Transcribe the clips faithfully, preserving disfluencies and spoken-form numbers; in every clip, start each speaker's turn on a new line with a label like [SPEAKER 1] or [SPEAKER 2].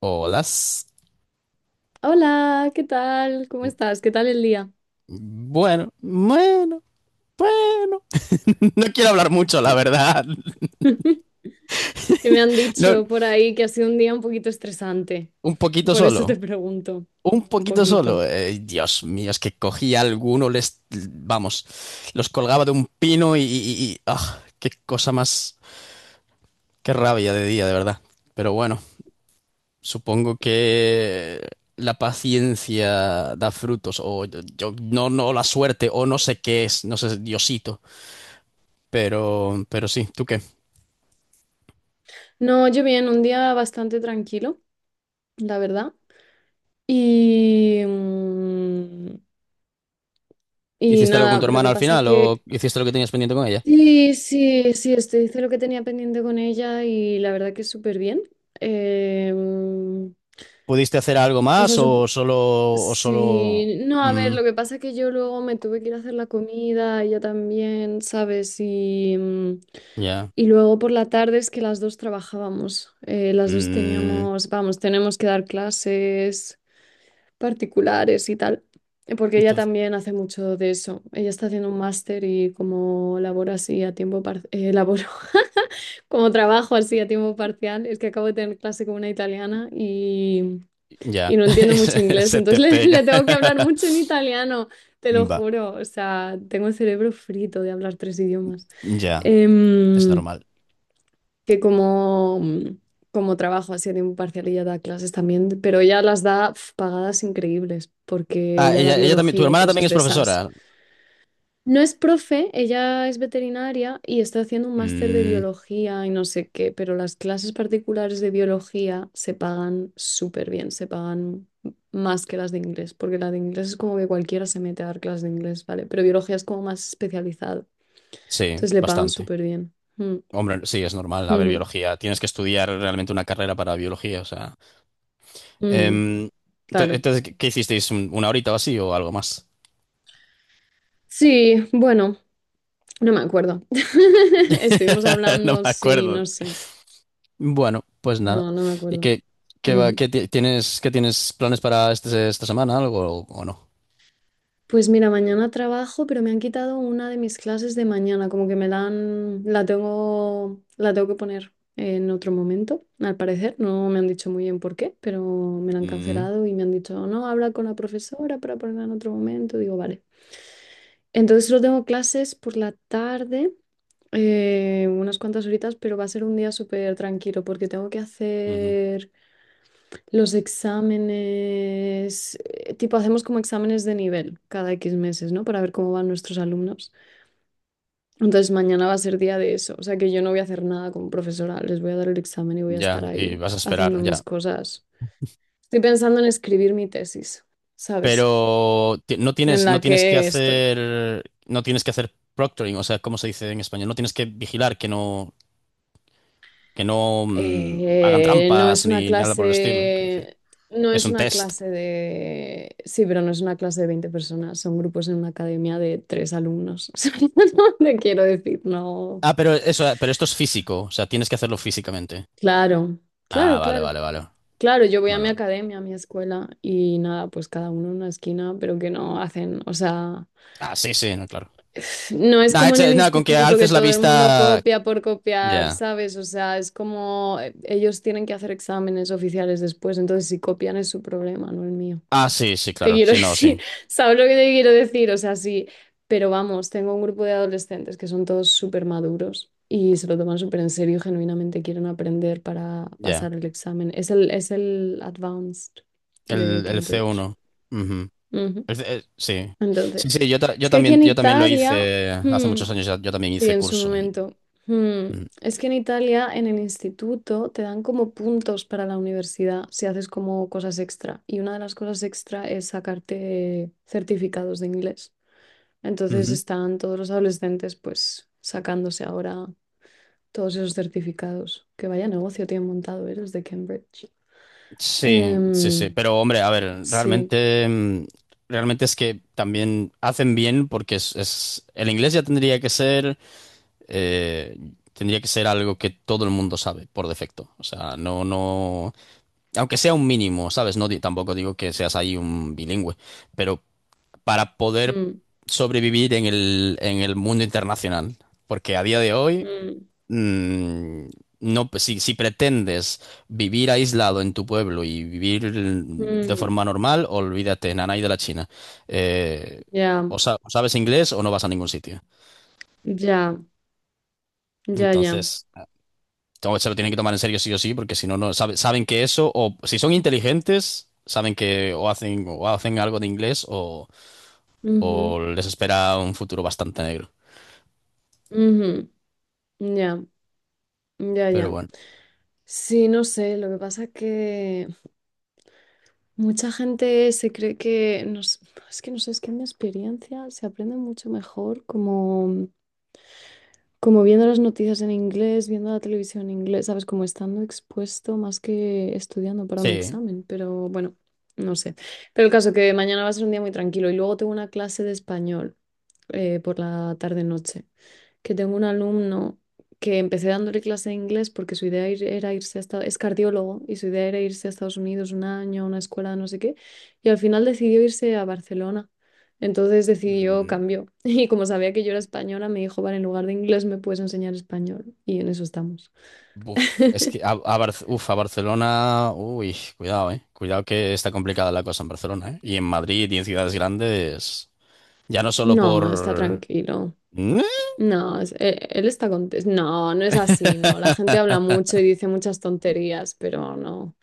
[SPEAKER 1] Hola.
[SPEAKER 2] Hola, ¿qué tal? ¿Cómo estás? ¿Qué tal el día?
[SPEAKER 1] Bueno, bueno, bueno. No quiero hablar mucho, la verdad.
[SPEAKER 2] Que me han
[SPEAKER 1] No,
[SPEAKER 2] dicho por ahí que ha sido un día un poquito estresante.
[SPEAKER 1] un poquito
[SPEAKER 2] Por eso te
[SPEAKER 1] solo.
[SPEAKER 2] pregunto,
[SPEAKER 1] Un
[SPEAKER 2] un
[SPEAKER 1] poquito
[SPEAKER 2] poquito.
[SPEAKER 1] solo. Eh, Dios mío, es que cogía alguno, les, vamos, los colgaba de un pino y, y- y- ah, qué cosa más, qué rabia de día, de verdad. Pero bueno, supongo que la paciencia da frutos, o yo, yo- no, no, la suerte, o no sé qué es, no sé, Diosito. Pero, pero sí, ¿tú qué?
[SPEAKER 2] No, yo bien, un día bastante tranquilo, la verdad. Y, mm, y
[SPEAKER 1] ¿Hiciste algo con
[SPEAKER 2] nada,
[SPEAKER 1] tu
[SPEAKER 2] lo
[SPEAKER 1] hermana
[SPEAKER 2] que
[SPEAKER 1] al
[SPEAKER 2] pasa
[SPEAKER 1] final o
[SPEAKER 2] que
[SPEAKER 1] hiciste lo que tenías pendiente con ella?
[SPEAKER 2] sí, sí, sí, estoy, hice lo que tenía pendiente con ella y la verdad que súper bien. Em,
[SPEAKER 1] ¿Pudiste hacer algo
[SPEAKER 2] o sea,
[SPEAKER 1] más
[SPEAKER 2] sup-
[SPEAKER 1] o solo... o solo...
[SPEAKER 2] sí, no, a
[SPEAKER 1] Mm,
[SPEAKER 2] ver, lo que pasa es que yo luego me tuve que ir a hacer la comida, ella también, ¿sabes? Y, mm,
[SPEAKER 1] ya.
[SPEAKER 2] y luego por la tarde es que las dos trabajábamos, eh, las dos
[SPEAKER 1] Mm,
[SPEAKER 2] teníamos, vamos, tenemos que dar clases particulares y tal, eh, porque ella
[SPEAKER 1] entonces,
[SPEAKER 2] también hace mucho de eso, ella está haciendo un máster y como labora así a tiempo parcial, laboro, como trabajo así a tiempo parcial, es que acabo de tener clase con una italiana
[SPEAKER 1] ya.
[SPEAKER 2] y no entiendo mucho inglés,
[SPEAKER 1] Se te
[SPEAKER 2] entonces le,
[SPEAKER 1] pega.
[SPEAKER 2] le tengo que hablar mucho en italiano, te lo
[SPEAKER 1] Va,
[SPEAKER 2] juro. O sea, tengo el cerebro frito de hablar tres idiomas.
[SPEAKER 1] ya. Es
[SPEAKER 2] Em,
[SPEAKER 1] normal.
[SPEAKER 2] que como, como trabajo así a tiempo parcial ella da clases también, pero ella las da pf, pagadas increíbles, porque
[SPEAKER 1] Ah,
[SPEAKER 2] ella da
[SPEAKER 1] ella, ella también... ¿Tu
[SPEAKER 2] biología y
[SPEAKER 1] hermana también
[SPEAKER 2] cosas
[SPEAKER 1] es
[SPEAKER 2] de esas.
[SPEAKER 1] profesora?
[SPEAKER 2] No es profe, ella es veterinaria y está haciendo un máster de
[SPEAKER 1] Mm,
[SPEAKER 2] biología y no sé qué, pero las clases particulares de biología se pagan súper bien, se pagan más que las de inglés, porque la de inglés es como que cualquiera se mete a dar clases de inglés, ¿vale? Pero biología es como más especializado,
[SPEAKER 1] sí,
[SPEAKER 2] entonces le pagan
[SPEAKER 1] bastante.
[SPEAKER 2] súper bien. Mm,
[SPEAKER 1] Hombre, sí, es normal. A ver,
[SPEAKER 2] ujú,
[SPEAKER 1] biología. Tienes que estudiar realmente una carrera para biología, o sea...
[SPEAKER 2] ujú,
[SPEAKER 1] Em, ento-
[SPEAKER 2] claro.
[SPEAKER 1] entonces, ¿qué qué hicisteis? ¿Un- Una horita o así o algo más?
[SPEAKER 2] Sí, bueno, no me acuerdo. Estuvimos
[SPEAKER 1] No
[SPEAKER 2] hablando,
[SPEAKER 1] me
[SPEAKER 2] sí,
[SPEAKER 1] acuerdo.
[SPEAKER 2] no sé,
[SPEAKER 1] Bueno, pues nada.
[SPEAKER 2] no, no me
[SPEAKER 1] ¿Y
[SPEAKER 2] acuerdo.
[SPEAKER 1] qué, qué va-
[SPEAKER 2] Ujú.
[SPEAKER 1] qué ti- tienes, qué tienes planes para este- esta semana, algo o, o no?
[SPEAKER 2] Pues mira, mañana trabajo, pero me han quitado una de mis clases de mañana, como que me la han, la tengo, la tengo que poner en otro momento, al parecer. No me han dicho muy bien por qué, pero me la han
[SPEAKER 1] Mm,
[SPEAKER 2] cancelado y me han dicho, no, habla con la profesora para ponerla en otro momento. Digo, vale. Entonces solo tengo clases por la tarde, eh, unas cuantas horitas, pero va a ser un día súper tranquilo porque tengo que
[SPEAKER 1] ujú.
[SPEAKER 2] hacer los exámenes, eh, tipo hacemos como exámenes de nivel cada X meses, ¿no? Para ver cómo van nuestros alumnos. Entonces mañana va a ser día de eso, o sea que yo no voy a hacer nada como profesora, les voy a dar el examen y voy a estar
[SPEAKER 1] Ya, y
[SPEAKER 2] ahí
[SPEAKER 1] vas a
[SPEAKER 2] haciendo
[SPEAKER 1] esperar, ya.
[SPEAKER 2] mis cosas. Estoy pensando en escribir mi tesis, ¿sabes?
[SPEAKER 1] Pero ti- no
[SPEAKER 2] En
[SPEAKER 1] tienes, no
[SPEAKER 2] la
[SPEAKER 1] tienes que
[SPEAKER 2] que estoy.
[SPEAKER 1] hacer, no tienes que hacer proctoring, o sea, ¿cómo se dice en español? No tienes que vigilar que no, que no mm, hagan
[SPEAKER 2] Eh, no
[SPEAKER 1] trampas
[SPEAKER 2] es una
[SPEAKER 1] ni nada por el estilo, quiero decir.
[SPEAKER 2] clase, no
[SPEAKER 1] Es
[SPEAKER 2] es
[SPEAKER 1] un
[SPEAKER 2] una
[SPEAKER 1] test.
[SPEAKER 2] clase de, sí, pero no es una clase de veinte personas, son grupos en una academia de tres alumnos. O sea, no te quiero decir, no.
[SPEAKER 1] Ah, pero eso, pero esto es físico, o sea, tienes que hacerlo físicamente.
[SPEAKER 2] Claro,
[SPEAKER 1] Ah,
[SPEAKER 2] claro,
[SPEAKER 1] vale,
[SPEAKER 2] claro.
[SPEAKER 1] vale, vale.
[SPEAKER 2] Claro, yo voy a
[SPEAKER 1] Vale,
[SPEAKER 2] mi
[SPEAKER 1] vale.
[SPEAKER 2] academia, a mi escuela y nada, pues cada uno en una esquina, pero que no hacen, o sea.
[SPEAKER 1] Ah, sí, sí, no, claro.
[SPEAKER 2] No es
[SPEAKER 1] Nah,
[SPEAKER 2] como en
[SPEAKER 1] echa-
[SPEAKER 2] el
[SPEAKER 1] nah, con que
[SPEAKER 2] instituto que
[SPEAKER 1] alces la
[SPEAKER 2] todo el mundo
[SPEAKER 1] vista.
[SPEAKER 2] copia por copiar,
[SPEAKER 1] Ya.
[SPEAKER 2] ¿sabes? O sea, es como eh, ellos tienen que hacer exámenes oficiales después, entonces si copian es su problema, no el mío.
[SPEAKER 1] Ah, sí, sí,
[SPEAKER 2] Te
[SPEAKER 1] claro.
[SPEAKER 2] quiero
[SPEAKER 1] Sí, no,
[SPEAKER 2] decir,
[SPEAKER 1] sí.
[SPEAKER 2] ¿sabes lo que te quiero decir? O sea, sí, pero vamos, tengo un grupo de adolescentes que son todos súper maduros y se lo toman súper en serio y genuinamente quieren aprender para
[SPEAKER 1] Ya.
[SPEAKER 2] pasar el examen. Es el, es el Advanced de
[SPEAKER 1] El, el
[SPEAKER 2] Cambridge.
[SPEAKER 1] C uno. Ujú.
[SPEAKER 2] Ujú.
[SPEAKER 1] El C- eh, sí. Sí,
[SPEAKER 2] Entonces,
[SPEAKER 1] sí, yo, ta- yo
[SPEAKER 2] es que aquí
[SPEAKER 1] también,
[SPEAKER 2] en
[SPEAKER 1] yo también lo
[SPEAKER 2] Italia...
[SPEAKER 1] hice hace
[SPEAKER 2] Hmm.
[SPEAKER 1] muchos años, ya- yo también
[SPEAKER 2] Sí,
[SPEAKER 1] hice
[SPEAKER 2] en su
[SPEAKER 1] curso. Y-
[SPEAKER 2] momento. Hmm.
[SPEAKER 1] Mm.
[SPEAKER 2] Es que en Italia, en el instituto, te dan como puntos para la universidad si haces como cosas extra. Y una de las cosas extra es sacarte certificados de inglés. Entonces
[SPEAKER 1] Ujú.
[SPEAKER 2] están todos los adolescentes pues sacándose ahora todos esos certificados. Que vaya negocio tienen montado, ¿eh? Los de Cambridge.
[SPEAKER 1] Sí, sí, sí.
[SPEAKER 2] Em,
[SPEAKER 1] Pero, hombre, a ver,
[SPEAKER 2] sí.
[SPEAKER 1] realmente, mm, realmente es que también hacen bien porque es, es- el inglés ya tendría que ser, eh, tendría que ser algo que todo el mundo sabe por defecto. O sea, no, no, aunque sea un mínimo, ¿sabes? No, di- tampoco digo que seas ahí un bilingüe, pero para poder
[SPEAKER 2] Mm,
[SPEAKER 1] sobrevivir en el, en el mundo internacional. Porque a día de hoy,
[SPEAKER 2] mm,
[SPEAKER 1] mm, no, pues, si, si pretendes vivir aislado en tu pueblo y vivir de
[SPEAKER 2] mm.
[SPEAKER 1] forma normal, olvídate, nanay de la China. Eh,
[SPEAKER 2] Ya,
[SPEAKER 1] o, sa- o sabes inglés o no vas a ningún sitio.
[SPEAKER 2] ya, ya, ya.
[SPEAKER 1] Entonces, to- se lo tienen que tomar en serio sí o sí, porque si no, no sabe- saben que eso, o si son inteligentes, saben que o hacen, o hacen algo de inglés o,
[SPEAKER 2] Ujú,
[SPEAKER 1] o les espera un futuro bastante negro.
[SPEAKER 2] ujú. Ya, ya,
[SPEAKER 1] Pero
[SPEAKER 2] ya.
[SPEAKER 1] bueno,
[SPEAKER 2] Sí, no sé, lo que pasa que mucha gente se cree que, no s- es que no sé, es que en mi experiencia se aprende mucho mejor como, como viendo las noticias en inglés, viendo la televisión en inglés, ¿sabes? Como estando expuesto más que estudiando para un
[SPEAKER 1] sí.
[SPEAKER 2] examen, pero bueno, no sé. Pero el caso que mañana va a ser un día muy tranquilo y luego tengo una clase de español, eh, por la tarde-noche que tengo un alumno que empecé dándole clase de inglés porque su idea ir- era irse a Estados Unidos, es cardiólogo y su idea era irse a Estados Unidos un año, a una escuela, de no sé qué, y al final decidió irse a Barcelona. Entonces decidió,
[SPEAKER 1] Mm,
[SPEAKER 2] cambió. Y como sabía que yo era española, me dijo, vale, en lugar de inglés me puedes enseñar español. Y en eso estamos.
[SPEAKER 1] uf, es que a, a Bar- uf, a Barcelona, uy, cuidado, eh. Cuidado que está complicada la cosa en Barcelona, eh. Y en Madrid y en ciudades grandes, ya no solo
[SPEAKER 2] No, está
[SPEAKER 1] por...
[SPEAKER 2] tranquilo. No, es- e- él está contento. No, no es así, no. La gente habla mucho y dice muchas tonterías, pero no.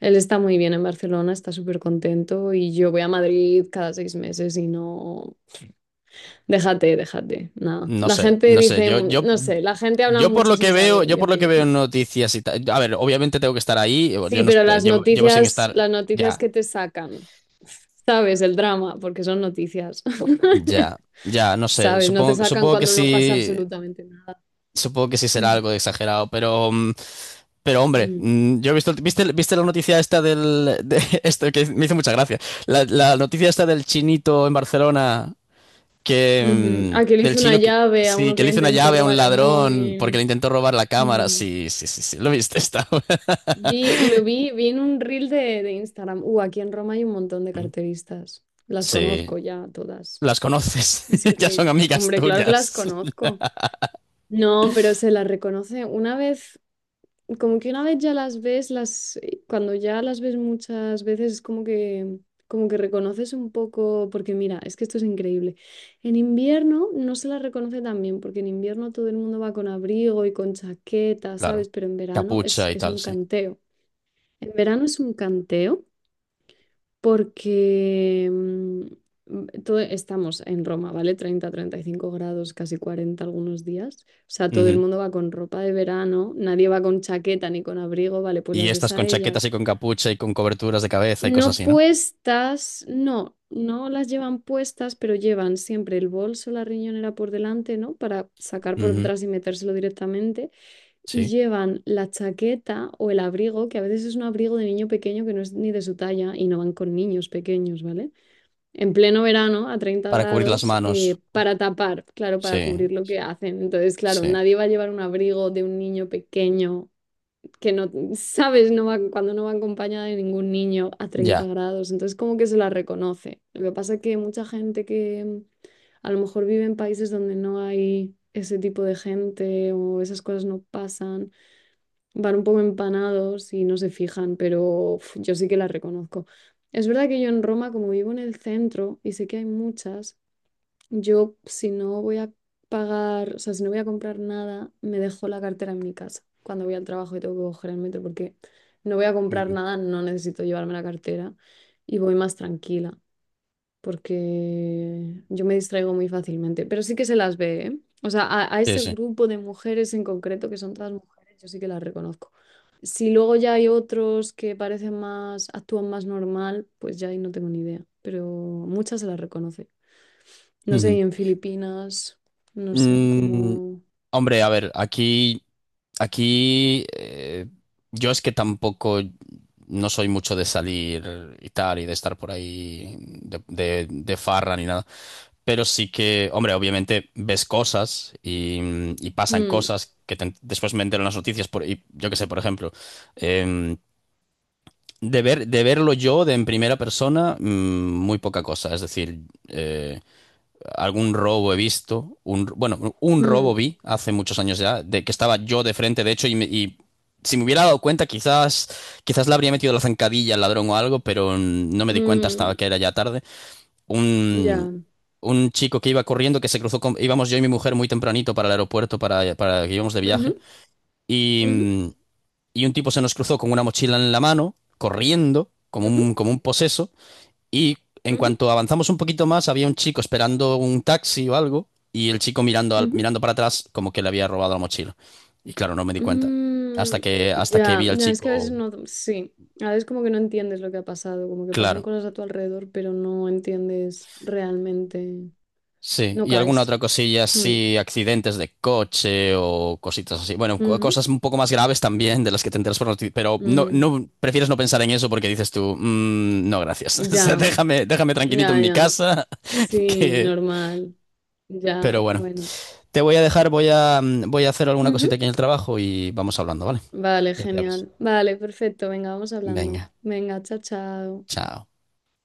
[SPEAKER 2] Él está muy bien en Barcelona, está súper contento y yo voy a Madrid cada seis meses y no... Déjate, déjate, nada.
[SPEAKER 1] No
[SPEAKER 2] La
[SPEAKER 1] sé,
[SPEAKER 2] gente
[SPEAKER 1] no sé.
[SPEAKER 2] dice,
[SPEAKER 1] Yo,
[SPEAKER 2] mm,
[SPEAKER 1] yo,
[SPEAKER 2] no sé, la gente habla
[SPEAKER 1] yo por
[SPEAKER 2] mucho
[SPEAKER 1] lo que
[SPEAKER 2] sin saber,
[SPEAKER 1] veo,
[SPEAKER 2] en
[SPEAKER 1] yo
[SPEAKER 2] mi
[SPEAKER 1] por lo que veo en
[SPEAKER 2] opinión.
[SPEAKER 1] noticias y tal. A ver, obviamente tengo que estar ahí. Yo
[SPEAKER 2] Sí,
[SPEAKER 1] no est-
[SPEAKER 2] pero las
[SPEAKER 1] llevo, llevo sin
[SPEAKER 2] noticias,
[SPEAKER 1] estar.
[SPEAKER 2] las noticias
[SPEAKER 1] Ya,
[SPEAKER 2] que te sacan, sabes, el drama, porque son noticias,
[SPEAKER 1] ya, ya, no sé.
[SPEAKER 2] sabes, no te
[SPEAKER 1] Supongo,
[SPEAKER 2] sacan
[SPEAKER 1] supongo que
[SPEAKER 2] cuando no pasa
[SPEAKER 1] sí.
[SPEAKER 2] absolutamente nada.
[SPEAKER 1] Supongo que sí será
[SPEAKER 2] Mm.
[SPEAKER 1] algo de exagerado, pero mm, pero hombre,
[SPEAKER 2] Mm,
[SPEAKER 1] mm, yo he visto, ¿viste, viste la noticia esta del, de esto que me hizo mucha gracia? La, la noticia esta del chinito en Barcelona
[SPEAKER 2] ujú.
[SPEAKER 1] que
[SPEAKER 2] Ah, que
[SPEAKER 1] mm,
[SPEAKER 2] le
[SPEAKER 1] del
[SPEAKER 2] hice una
[SPEAKER 1] chino que
[SPEAKER 2] llave a
[SPEAKER 1] sí,
[SPEAKER 2] uno
[SPEAKER 1] que
[SPEAKER 2] que
[SPEAKER 1] le
[SPEAKER 2] le
[SPEAKER 1] hizo una
[SPEAKER 2] intentó
[SPEAKER 1] llave a un
[SPEAKER 2] robar el
[SPEAKER 1] ladrón porque le
[SPEAKER 2] móvil.
[SPEAKER 1] intentó robar la cámara.
[SPEAKER 2] Mm.
[SPEAKER 1] Sí, sí, sí, sí. ¿Lo viste esta?
[SPEAKER 2] Vi, lo vi, vi en un reel de, de Instagram. Uh, aquí en Roma hay un montón de carteristas. Las
[SPEAKER 1] Sí,
[SPEAKER 2] conozco ya todas.
[SPEAKER 1] las conoces.
[SPEAKER 2] Es
[SPEAKER 1] Ya son
[SPEAKER 2] increíble.
[SPEAKER 1] amigas
[SPEAKER 2] Hombre, claro que las
[SPEAKER 1] tuyas.
[SPEAKER 2] conozco. No, pero se las reconoce una vez, como que una vez ya las ves, las, eh, cuando ya las ves muchas veces es como que, como que reconoces un poco, porque mira, es que esto es increíble. En invierno no se las reconoce tan bien, porque en invierno todo el mundo va con abrigo y con chaqueta,
[SPEAKER 1] Claro.
[SPEAKER 2] ¿sabes? Pero en verano es,
[SPEAKER 1] Capucha y
[SPEAKER 2] es
[SPEAKER 1] tal,
[SPEAKER 2] un
[SPEAKER 1] sí.
[SPEAKER 2] canteo. En verano es un canteo porque mm, mm, todo- estamos en Roma, ¿vale? Treinta, treinta y cinco grados, casi cuarenta algunos días. O sea, todo el
[SPEAKER 1] Ujú.
[SPEAKER 2] mundo va con ropa de verano, nadie va con chaqueta ni con abrigo, ¿vale? Pues
[SPEAKER 1] Y
[SPEAKER 2] las ves
[SPEAKER 1] estas
[SPEAKER 2] a
[SPEAKER 1] con chaquetas
[SPEAKER 2] ellas.
[SPEAKER 1] y con capucha y con coberturas de cabeza y cosas
[SPEAKER 2] No
[SPEAKER 1] así, ¿no?
[SPEAKER 2] puestas, no, no las llevan puestas, pero llevan siempre el bolso, la riñonera por delante, ¿no? Para sacar por
[SPEAKER 1] Ujú,
[SPEAKER 2] detrás y metérselo directamente, y
[SPEAKER 1] sí.
[SPEAKER 2] llevan la chaqueta o el abrigo, que a veces es un abrigo de niño pequeño que no es ni de su talla y no van con niños pequeños, ¿vale? En pleno verano, a treinta
[SPEAKER 1] Para cubrir las
[SPEAKER 2] grados,
[SPEAKER 1] manos.
[SPEAKER 2] eh, para tapar, claro, para
[SPEAKER 1] Sí,
[SPEAKER 2] cubrir lo que hacen. Entonces, claro,
[SPEAKER 1] sí.
[SPEAKER 2] nadie va a llevar un abrigo de un niño pequeño que no, sabes, no va, cuando no va acompañada de ningún niño a
[SPEAKER 1] Ya.
[SPEAKER 2] treinta grados. Entonces, como que se la reconoce. Lo que pasa es que mucha gente que mm, a lo mejor vive en países donde no hay ese tipo de gente o esas cosas no pasan, van un poco empanados y no se fijan, pero uf, yo sí que las reconozco. Es verdad que yo en Roma, como vivo en el centro y sé que hay muchas, yo si no voy a pagar, o sea, si no voy a comprar nada, me dejo la cartera en mi casa cuando voy al trabajo y tengo que coger el metro porque no voy a comprar
[SPEAKER 1] Ujú.
[SPEAKER 2] nada, no necesito llevarme la cartera y voy más tranquila porque yo me distraigo muy fácilmente, pero sí que se las ve, ¿eh? O sea, a, a
[SPEAKER 1] Sí,
[SPEAKER 2] ese
[SPEAKER 1] sí.
[SPEAKER 2] grupo de mujeres en concreto, que son todas mujeres, yo sí que las reconozco. Si luego ya hay otros que parecen más, actúan más normal, pues ya ahí no tengo ni idea, pero muchas se las reconoce. No sé,
[SPEAKER 1] Ujú.
[SPEAKER 2] y en Filipinas, no sé,
[SPEAKER 1] Mm,
[SPEAKER 2] como...
[SPEAKER 1] hombre, a ver, aquí aquí eh, yo es que tampoco no soy mucho de salir y tal y de estar por ahí de, de, de farra ni nada. Pero sí que, hombre, obviamente ves cosas y, y pasan
[SPEAKER 2] Mm,
[SPEAKER 1] cosas que te- después me entero en las noticias. Por, y yo qué sé, por ejemplo, em, de ver, de verlo yo de en primera persona, mm, muy poca cosa. Es decir, eh, algún robo he visto, un, bueno, un
[SPEAKER 2] mm,
[SPEAKER 1] robo vi hace muchos años ya, de que estaba yo de frente, de hecho, y, me- y si me hubiera dado cuenta, quizás, quizás le habría metido la zancadilla al ladrón o algo, pero mm, no me di cuenta hasta
[SPEAKER 2] mm,
[SPEAKER 1] que era ya tarde.
[SPEAKER 2] ya.
[SPEAKER 1] Un, un chico que iba corriendo, que se cruzó con, íbamos yo y mi mujer muy tempranito para el aeropuerto, para, para que íbamos de
[SPEAKER 2] Ujú,
[SPEAKER 1] viaje, y,
[SPEAKER 2] ujú,
[SPEAKER 1] mm, y un tipo se nos cruzó con una mochila en la mano, corriendo, como
[SPEAKER 2] ujú,
[SPEAKER 1] un, como un poseso. Y en
[SPEAKER 2] ujú,
[SPEAKER 1] cuanto avanzamos un poquito más, había un chico esperando un taxi o algo, y el chico mirando,
[SPEAKER 2] ujú,
[SPEAKER 1] al-
[SPEAKER 2] ujú.
[SPEAKER 1] mirando para atrás como que le había robado la mochila. Y claro, no me di cuenta. Hasta
[SPEAKER 2] Mm,
[SPEAKER 1] que, hasta que
[SPEAKER 2] ya,
[SPEAKER 1] vi al
[SPEAKER 2] no, es que a veces
[SPEAKER 1] chico,
[SPEAKER 2] no, sí, a veces como que no entiendes lo que ha pasado, como que pasan
[SPEAKER 1] claro.
[SPEAKER 2] cosas a tu alrededor, pero no entiendes realmente,
[SPEAKER 1] Sí,
[SPEAKER 2] no
[SPEAKER 1] y alguna
[SPEAKER 2] caes.
[SPEAKER 1] otra cosilla
[SPEAKER 2] Mm,
[SPEAKER 1] así, accidentes de coche o cositas así. Bueno, co-
[SPEAKER 2] ujú,
[SPEAKER 1] cosas un poco más graves también de las que te enteras por noticias, pero no,
[SPEAKER 2] mm,
[SPEAKER 1] no, prefieres no pensar en eso porque dices tú, "Mm, no, gracias. O sea,
[SPEAKER 2] ya,
[SPEAKER 1] déjame, déjame tranquilito en
[SPEAKER 2] ya,
[SPEAKER 1] mi
[SPEAKER 2] ya,
[SPEAKER 1] casa,
[SPEAKER 2] sí,
[SPEAKER 1] que..."
[SPEAKER 2] normal, ya,
[SPEAKER 1] Pero bueno.
[SPEAKER 2] bueno.
[SPEAKER 1] Te voy a dejar, voy a, voy a hacer alguna
[SPEAKER 2] Ujú.
[SPEAKER 1] cosita aquí en el trabajo y vamos hablando, ¿vale?
[SPEAKER 2] Vale,
[SPEAKER 1] Ya te aviso.
[SPEAKER 2] genial. Vale, perfecto, venga, vamos hablando.
[SPEAKER 1] Venga,
[SPEAKER 2] Venga, chao, chao.
[SPEAKER 1] chao.